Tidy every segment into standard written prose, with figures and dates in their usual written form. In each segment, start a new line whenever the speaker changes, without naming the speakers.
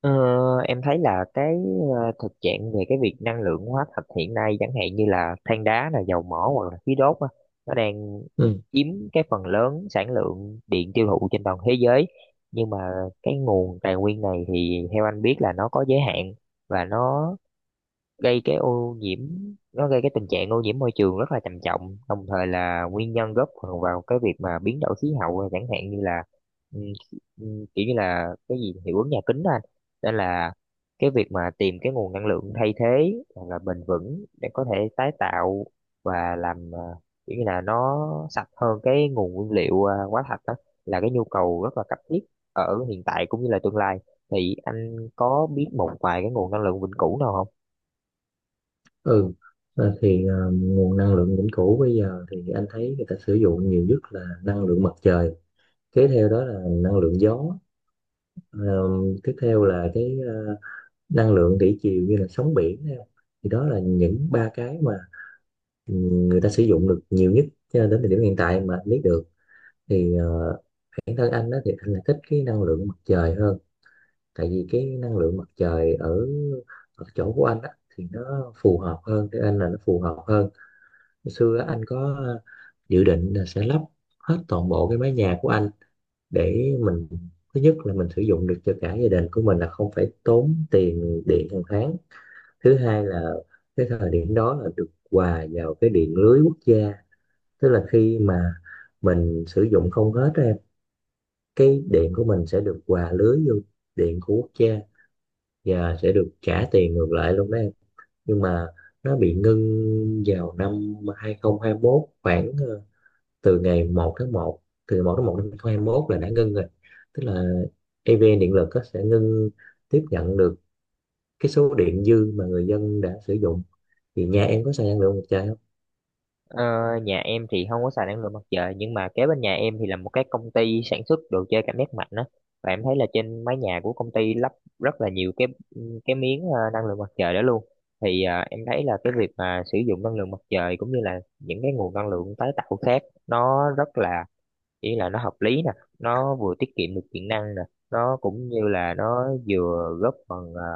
Ờ, em thấy là cái thực trạng về cái việc năng lượng hóa thạch hiện nay, chẳng hạn như là than đá, là dầu mỏ hoặc là khí đốt á, nó đang
Ừ.
chiếm cái phần lớn sản lượng điện tiêu thụ trên toàn thế giới. Nhưng mà cái nguồn tài nguyên này thì theo anh biết là nó có giới hạn, và nó gây cái ô nhiễm, nó gây cái tình trạng ô nhiễm môi trường rất là trầm trọng, đồng thời là nguyên nhân góp phần vào cái việc mà biến đổi khí hậu, chẳng hạn như là ừ, kiểu như là cái gì hiệu ứng nhà kính đó anh. Nên là cái việc mà tìm cái nguồn năng lượng thay thế hoặc là bền vững để có thể tái tạo và làm kiểu như là nó sạch hơn cái nguồn nguyên liệu hóa thạch đó là cái nhu cầu rất là cấp thiết ở hiện tại cũng như là tương lai. Thì anh có biết một vài cái nguồn năng lượng vĩnh cửu nào không?
Ừ. Thì nguồn năng lượng vĩnh cửu bây giờ thì anh thấy người ta sử dụng nhiều nhất là năng lượng mặt trời, kế theo đó là năng lượng gió. Ờ, Tiếp theo là cái năng lượng thủy triều như là sóng biển nè. Thì đó là những ba cái mà người ta sử dụng được nhiều nhất, cho nên đến thời điểm hiện tại mà anh biết được thì bản thân anh đó thì anh lại thích cái năng lượng mặt trời hơn. Tại vì cái năng lượng mặt trời ở ở chỗ của anh á thì nó phù hợp hơn, cái anh là nó phù hợp hơn. Hồi xưa á, anh có dự định là sẽ lắp hết toàn bộ cái mái nhà của anh. Để mình, thứ nhất là mình sử dụng được cho cả gia đình của mình, là không phải tốn tiền điện hàng tháng. Thứ hai là cái thời điểm đó là được hòa vào cái điện lưới quốc gia. Tức là khi mà mình sử dụng không hết á em, cái điện của mình sẽ được hòa lưới vô điện của quốc gia và sẽ được trả tiền ngược lại luôn đó em. Nhưng mà nó bị ngưng vào năm 2021, khoảng từ ngày một tháng một từ ngày một tháng một năm 2021 là đã ngưng rồi. Tức là EVN điện lực á, sẽ ngưng tiếp nhận được cái số điện dư mà người dân đã sử dụng. Thì nhà em có xài năng lượng mặt trời không?
Ờ, Nhà em thì không có xài năng lượng mặt trời, nhưng mà kế bên nhà em thì là một cái công ty sản xuất đồ chơi cảm giác mạnh đó, và em thấy là trên mái nhà của công ty lắp rất là nhiều cái miếng năng lượng mặt trời đó luôn. Thì em thấy là cái việc mà sử dụng năng lượng mặt trời cũng như là những cái nguồn năng lượng tái tạo khác, nó rất là, ý là nó hợp lý nè, nó vừa tiết kiệm được điện năng nè, nó cũng như là nó vừa góp phần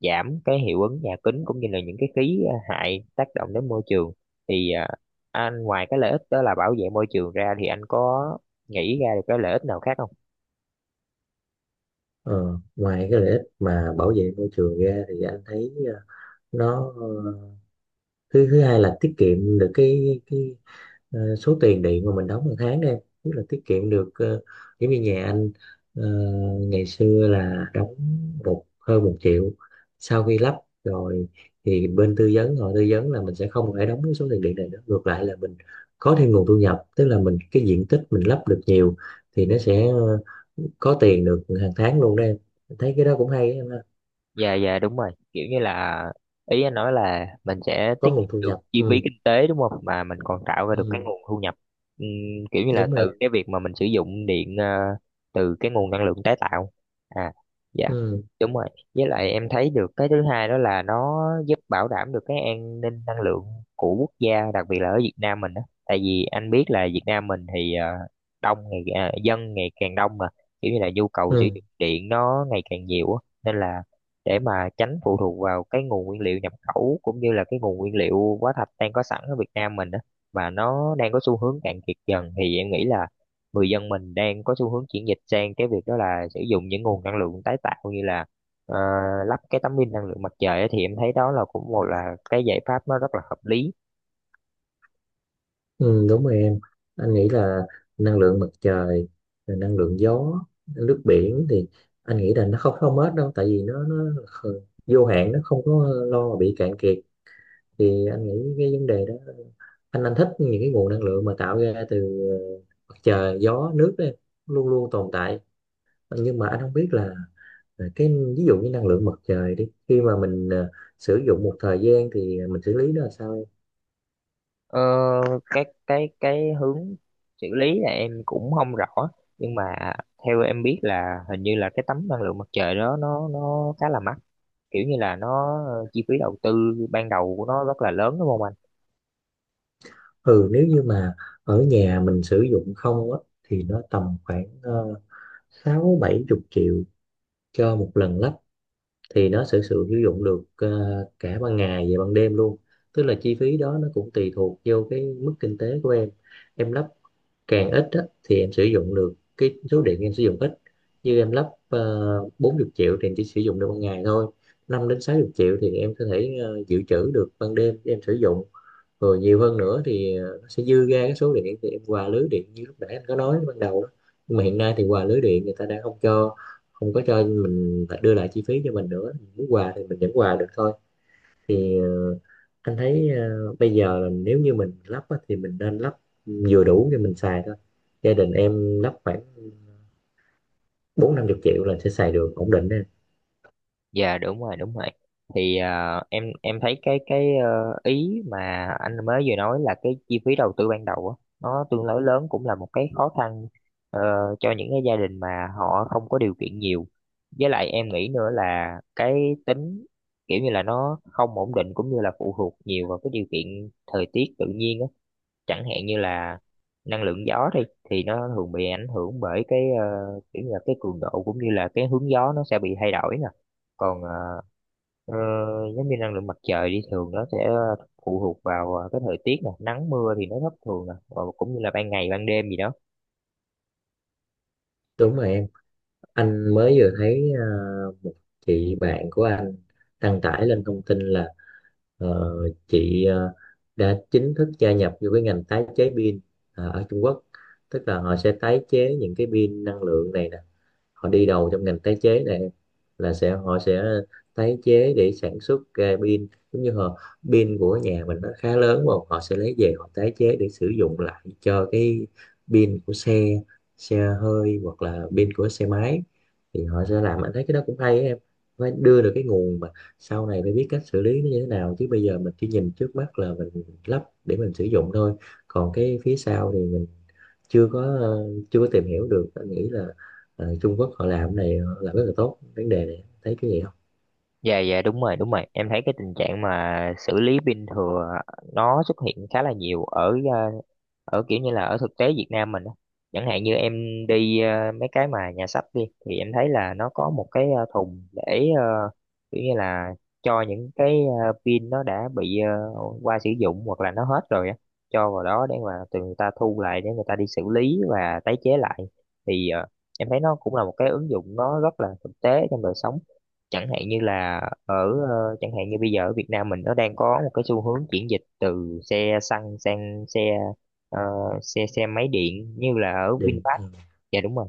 giảm cái hiệu ứng nhà kính cũng như là những cái khí hại tác động đến môi trường. Thì anh ngoài cái lợi ích đó là bảo vệ môi trường ra thì anh có nghĩ ra được cái lợi ích nào khác không?
Ờ, Ngoài cái lợi ích mà bảo vệ môi trường ra thì anh thấy nó thứ thứ hai là tiết kiệm được cái số tiền điện mà mình đóng một tháng đó em, tức là tiết kiệm được giống như nhà anh ờ, ngày xưa là đóng hơn một triệu. Sau khi lắp rồi thì bên tư vấn họ tư vấn là mình sẽ không phải đóng cái số tiền điện này nữa, ngược lại là mình có thêm nguồn thu nhập. Tức là mình, cái diện tích mình lắp được nhiều thì nó sẽ có tiền được hàng tháng luôn đó em. Thấy cái đó cũng hay á em ha.
Dạ, dạ, đúng rồi, kiểu như là ý anh nói là mình sẽ
Có
tiết
nguồn
kiệm
thu
được
nhập.
chi phí
Ừ.
kinh tế đúng không, mà mình còn tạo ra được cái
Ừ,
nguồn thu nhập. Kiểu như là
đúng rồi.
từ cái việc mà mình sử dụng điện, từ cái nguồn năng lượng tái tạo. À, dạ,
Ừ.
đúng rồi. Với lại em thấy được cái thứ hai đó là nó giúp bảo đảm được cái an ninh năng lượng của quốc gia, đặc biệt là ở Việt Nam mình đó. Tại vì anh biết là Việt Nam mình thì đông ngày dân ngày càng đông mà, kiểu như là nhu cầu sử
Ừ.
dụng điện nó ngày càng nhiều á. Nên là để mà tránh phụ thuộc vào cái nguồn nguyên liệu nhập khẩu cũng như là cái nguồn nguyên liệu hóa thạch đang có sẵn ở Việt Nam mình á, mà nó đang có xu hướng cạn kiệt dần, thì em nghĩ là người dân mình đang có xu hướng chuyển dịch sang cái việc đó là sử dụng những nguồn năng lượng tái tạo, như là ờ, lắp cái tấm pin năng lượng mặt trời á, thì em thấy đó là cũng một là cái giải pháp nó rất là hợp lý.
Ừ, đúng rồi em. Anh nghĩ là năng lượng mặt trời, rồi năng lượng gió, nước biển thì anh nghĩ là nó không không hết đâu, tại vì nó kh- vô hạn, nó không có lo mà bị cạn kiệt. Thì anh nghĩ cái vấn đề đó, anh thích những cái nguồn năng lượng mà tạo ra từ ờ, mặt trời, gió, nước đó em, luôn luôn tồn tại. Nhưng mà anh không biết là cái, ví dụ như năng lượng mặt trời đi, khi mà mình sử dụng một thời gian thì mình xử lý nó là sao?
Ờ, cái hướng xử lý là em cũng không rõ, nhưng mà theo em biết là hình như là cái tấm năng lượng mặt trời đó nó khá là mắc, kiểu như là nó chi phí đầu tư ban đầu của nó rất là lớn đúng không anh?
Ừ, nếu như mà ở nhà mình sử dụng không á thì nó tầm khoảng sáu bảy chục triệu cho một lần lắp, thì nó sẽ sử sử dụng được cả ban ngày và ban đêm luôn. Tức là chi phí đó nó cũng tùy thuộc vô cái mức kinh tế của em. Em lắp càng ít á, thì em sử dụng được cái số điện em sử dụng ít. Như em lắp 40 triệu thì em chỉ sử dụng được ban ngày thôi. Năm đến 60 triệu thì em có thể dự trữ được ban đêm để em sử dụng. Rồi nhiều hơn nữa thì nó sẽ dư ra cái số điện, thì em quà lưới điện như lúc nãy anh có nói ban đầu đó. Nhưng mà hiện nay thì quà lưới điện người ta đã không cho, không có cho mình, phải đưa lại chi phí cho mình nữa. Mình muốn quà thì mình vẫn quà được thôi. Thì anh thấy bây giờ là nếu như mình lắp á, thì mình nên lắp vừa đủ cho mình xài thôi. Gia đình em lắp khoảng bốn năm chục triệu là sẽ xài được ổn định đấy.
Dạ đúng rồi, thì em thấy cái ý mà anh mới vừa nói là cái chi phí đầu tư ban đầu á, nó tương đối lớn, cũng là một cái khó khăn ờ, cho những cái gia đình mà họ không có điều kiện nhiều. Với lại em nghĩ nữa là cái tính, kiểu như là nó không ổn định cũng như là phụ thuộc nhiều vào cái điều kiện thời tiết tự nhiên á. Chẳng hạn như là năng lượng gió đi, thì nó thường bị ảnh hưởng bởi cái kiểu như là cái cường độ cũng như là cái hướng gió nó sẽ bị thay đổi nè. Còn ờ, giống như năng lượng mặt trời đi, thường nó sẽ phụ thuộc vào cái thời tiết nè, nắng mưa thì nó thất thường nè, và cũng như là ban ngày ban đêm gì đó.
Đúng rồi em. Anh mới vừa thấy một chị bạn của anh đăng tải lên thông tin là Ờ, chị đã chính thức gia nhập vô cái ngành tái chế pin ở Trung Quốc. Tức là họ sẽ tái chế những cái pin năng lượng này nè, họ đi đầu trong ngành tái chế này. Là sẽ, họ sẽ tái chế để sản xuất ra pin. Giống như họ, pin của nhà mình nó khá lớn mà họ sẽ lấy về họ tái chế để sử dụng lại cho cái pin của xe, xe hơi hoặc là pin của xe máy. Thì họ sẽ làm, anh thấy cái đó cũng hay á em. Phải đưa được cái nguồn mà sau này phải biết cách xử lý nó như thế nào, chứ bây giờ mình chỉ nhìn trước mắt là mình lắp để mình sử dụng thôi. Còn cái phía sau thì mình chưa có ờ, chưa có tìm hiểu được. Anh nghĩ là Trung Quốc họ làm cái này, họ làm rất là tốt vấn đề này, thấy cái gì không?
Dạ dạ đúng rồi, đúng rồi, em thấy cái tình trạng mà xử lý pin thừa nó xuất hiện khá là nhiều ở ở kiểu như là ở thực tế Việt Nam mình á. Chẳng hạn như em đi mấy cái mà nhà sách đi, thì em thấy là nó có một cái thùng để kiểu như là cho những cái pin nó đã bị qua sử dụng hoặc là nó hết rồi á, cho vào đó để mà từ người ta thu lại để người ta đi xử lý và tái chế lại. Thì em thấy nó cũng là một cái ứng dụng nó rất là thực tế trong đời sống. Chẳng hạn như là ở chẳng hạn như bây giờ ở Việt Nam mình nó đang có một cái xu hướng chuyển dịch từ xe xăng sang xe ờ, xe xe máy điện như là ở
Điền,
VinFast.
ừ.
Dạ đúng rồi,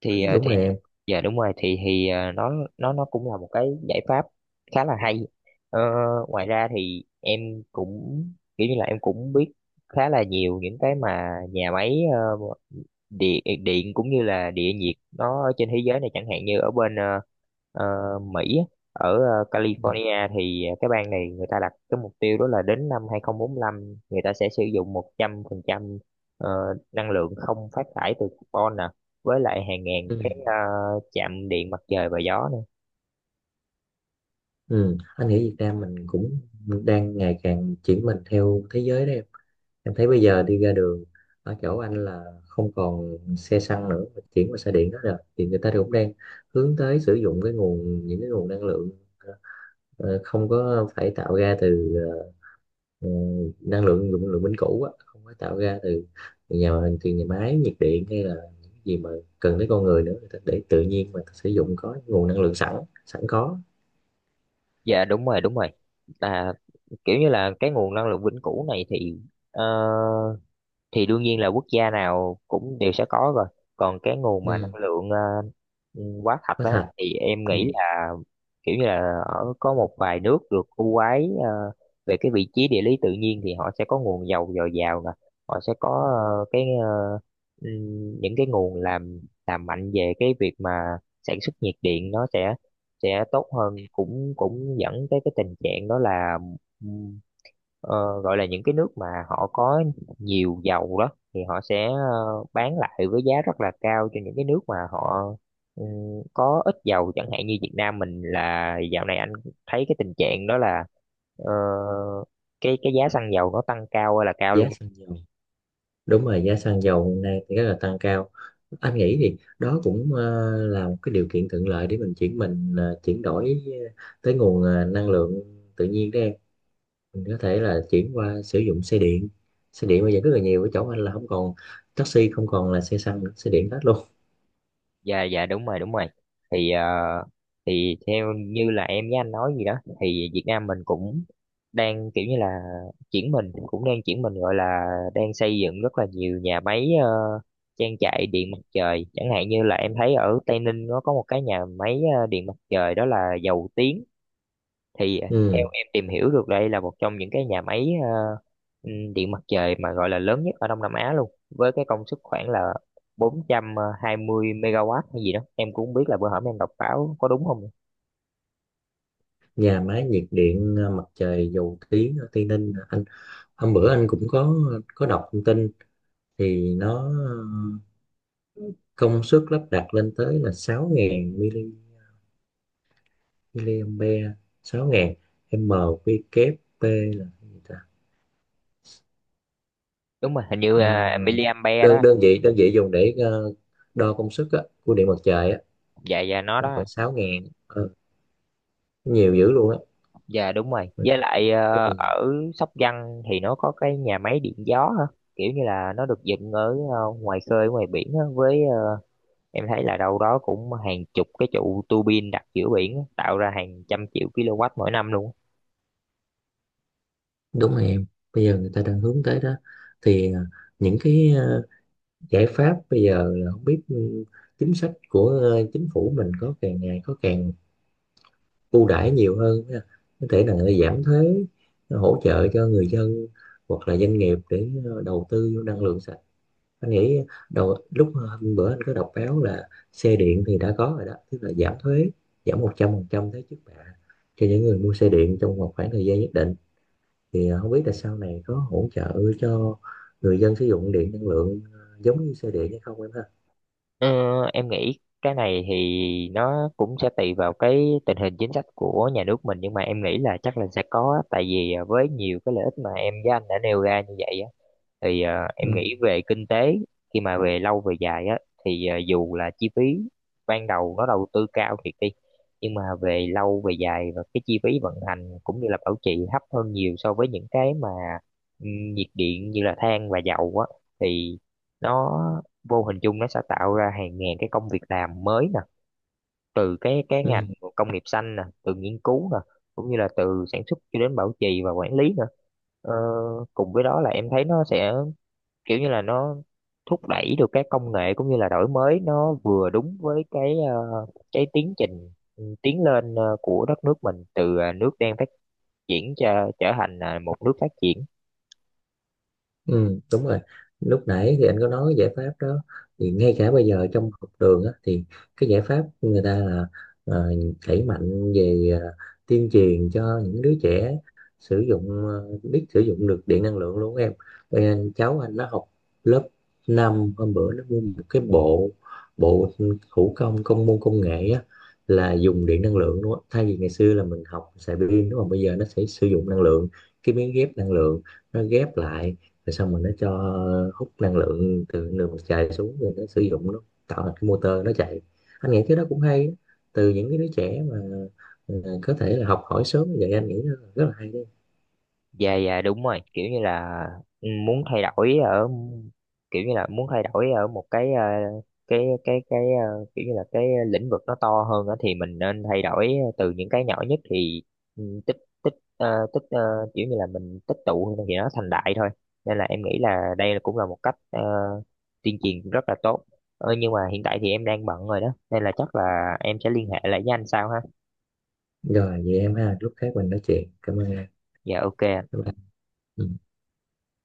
thì
Đúng
thì
rồi em.
dạ đúng rồi, thì nó nó cũng là một cái giải pháp khá là hay. Ờ, ngoài ra thì em cũng, kiểu như là em cũng biết khá là nhiều những cái mà nhà máy địa điện cũng như là địa nhiệt nó ở trên thế giới này, chẳng hạn như ở bên ờ, Mỹ á, ở
Ừ.
California, thì cái bang này người ta đặt cái mục tiêu đó là đến năm 2045 người ta sẽ sử dụng 100% ờ, năng lượng không phát thải từ carbon nè, với lại hàng ngàn
Ừ.
cái chạm điện mặt trời và gió nữa.
Ừ. Anh nghĩ Việt Nam mình cũng đang ngày càng chuyển mình theo thế giới đấy em. Em thấy bây giờ đi ra đường ở chỗ anh là không còn xe xăng nữa mà chuyển qua xe điện đó rồi. Thì người ta thì cũng đang hướng tới sử dụng cái nguồn, những cái nguồn năng lượng ờ, không có phải tạo ra từ ờ, năng lượng dùng lượng vĩnh cửu á, không phải tạo ra từ nhà từ nhà máy nhiệt điện hay là những gì mà cần tới con người nữa. Người ta để tự nhiên mà sử dụng, có nguồn năng lượng sẵn, sẵn có.
Dạ đúng rồi, đúng rồi. Là kiểu như là cái nguồn năng lượng vĩnh cửu này thì ờ, thì đương nhiên là quốc gia nào cũng đều sẽ có rồi. Còn cái nguồn mà
Ừ.
năng lượng ừ, quá thật
Có
đó
thật.
thì em
Ừ.
nghĩ là kiểu như là ở có một vài nước được ưu ái về cái vị trí địa lý tự nhiên, thì họ sẽ có nguồn dầu dồi dào nè, họ sẽ có ờ, cái ờ, những cái nguồn làm, mạnh về cái việc mà sản xuất nhiệt điện, nó sẽ tốt hơn, cũng cũng dẫn tới cái tình trạng đó là ừm, gọi là những cái nước mà họ có nhiều dầu đó, thì họ sẽ bán lại với giá rất là cao cho những cái nước mà họ, ừ, có ít dầu, chẳng hạn như Việt Nam mình, là dạo này anh thấy cái tình trạng đó là ờ, cái giá xăng dầu nó tăng cao ơi là cao
Giá
luôn.
xăng dầu. Đúng rồi, giá xăng dầu hiện nay thì rất là tăng cao. Anh nghĩ thì đó cũng là một cái điều kiện thuận lợi để mình chuyển mình chuyển đổi tới nguồn năng lượng tự nhiên đó em. Mình có thể là chuyển qua sử dụng xe điện, xe điện bây giờ rất là nhiều ở chỗ anh, là không còn taxi, không còn là xe xăng nữa, xe điện hết luôn.
Dạ dạ đúng rồi, đúng rồi, thì thì theo như là em với anh nói gì đó, thì Việt Nam mình cũng đang kiểu như là chuyển mình, cũng đang chuyển mình, gọi là đang xây dựng rất là nhiều nhà máy, trang trại điện mặt trời. Chẳng hạn như là em thấy ở Tây Ninh, nó có một cái nhà máy điện mặt trời đó là Dầu Tiếng, thì theo
Ừ.
em tìm hiểu được, đây là một trong những cái nhà máy điện mặt trời mà gọi là lớn nhất ở Đông Nam Á luôn, với cái công suất khoảng là 420 megawatt hay gì đó, em cũng không biết là bữa hổm em đọc báo có đúng không.
Nhà máy nhiệt điện mặt trời Dầu Tiếng ở Tây Ninh, anh hôm bữa anh cũng có đọc thông tin. Thì nó công suất lắp đặt lên tới là 6000 MW, helium B, 6.000 m quy kép p là cái gì ta?
Đúng rồi, hình như
Ờ,
là miliampere đó.
đơn đơn vị dùng để đo công suất á, của điện mặt trời á.
Dạ dạ, nó
Nó
đó.
khoảng 6.000. Ờ, Nhiều dữ luôn á.
Dạ đúng rồi, với
Mình-
lại
Rất là nhiều.
ở Sóc Trăng thì nó có cái nhà máy điện gió hả, kiểu như là nó được dựng ở ngoài khơi ngoài biển á, với em thấy là đâu đó cũng hàng chục cái trụ tua bin đặt giữa biển á, tạo ra hàng trăm triệu kW mỗi năm luôn.
Đúng rồi em. Bây giờ người ta đang hướng tới đó. Thì những cái giải pháp bây giờ là không biết ừ, chính sách của chính phủ mình có càng ngày có càng ưu đãi nhiều hơn ha. Có thể là người ta giảm thuế, hỗ trợ cho người dân hoặc là doanh nghiệp để đầu tư vô năng lượng sạch. Anh nghĩ đầu lúc hôm bữa anh có đọc báo là xe điện thì đã có rồi đó, tức là giảm thuế, giảm 100% thuế trước bạ cho những người mua xe điện trong một khoảng thời gian nhất định. Thì không biết là sau này có hỗ trợ cho người dân sử dụng điện năng lượng giống như xe điện hay không em ha.
Ờ, em nghĩ cái này thì nó cũng sẽ tùy vào cái tình hình chính sách của nhà nước mình, nhưng mà em nghĩ là chắc là sẽ có á. Tại vì với nhiều cái lợi ích mà em với anh đã nêu ra như vậy á, thì em
Ừ.
nghĩ về kinh tế, khi mà về lâu về dài á, thì dù là chi phí ban đầu nó đầu tư cao thiệt đi, nhưng mà về lâu về dài và cái chi phí vận hành cũng như là bảo trì thấp hơn nhiều so với những cái mà nhiệt điện như là than và dầu á, thì nó vô hình chung nó sẽ tạo ra hàng ngàn cái công việc làm mới nè, từ cái ngành
Ừ.
công nghiệp xanh nè, từ nghiên cứu nè, cũng như là từ sản xuất cho đến bảo trì và quản lý nữa. Ờ, cùng với đó là em thấy nó sẽ, kiểu như là nó thúc đẩy được cái công nghệ cũng như là đổi mới, nó vừa đúng với cái cái tiến trình, ừ, tiến lên của đất nước mình, từ nước đang phát triển cho trở thành một nước phát triển.
Ừ, đúng rồi. Lúc nãy thì anh có nói cái giải pháp đó, thì ngay cả bây giờ trong học đường á, thì cái giải pháp người ta là ờ, đẩy mạnh về tuyên truyền cho những đứa trẻ sử dụng, biết sử dụng được điện năng lượng luôn em. Bây giờ cháu anh nó học lớp năm, hôm bữa nó mua một cái bộ, bộ thủ công công môn công nghệ á, là dùng điện năng lượng luôn á. Thay vì ngày xưa là mình học xài pin đúng không? Bây giờ nó sẽ sử dụng năng lượng, cái miếng ghép năng lượng nó ghép lại, rồi xong rồi nó cho hút năng lượng từ đường mặt trời xuống, rồi nó sử dụng nó tạo thành cái motor nó chạy. Anh nghĩ cái đó cũng hay đó. Từ những cái đứa trẻ mà ờ, có thể là học hỏi sớm như vậy, anh nghĩ nó là rất là hay đấy.
Dạ dạ đúng rồi, kiểu như là, ừ, muốn thay đổi ở, kiểu như là muốn thay đổi ở một cái kiểu như là cái lĩnh vực nó to hơn á, thì mình nên thay đổi từ những cái nhỏ nhất, thì ừ, tích tích ờ, kiểu như là mình tích tụ thì nó thành đại thôi. Nên là em nghĩ là đây là cũng là một cách tuyên truyền rất là tốt. Ờ, nhưng mà hiện tại thì em đang bận rồi đó, nên là chắc là em sẽ liên hệ lại với anh sau ha.
Rồi vậy em ha, lúc khác mình nói chuyện, cảm ơn em.
Dạ ok ạ.
Bye bye. Ừ.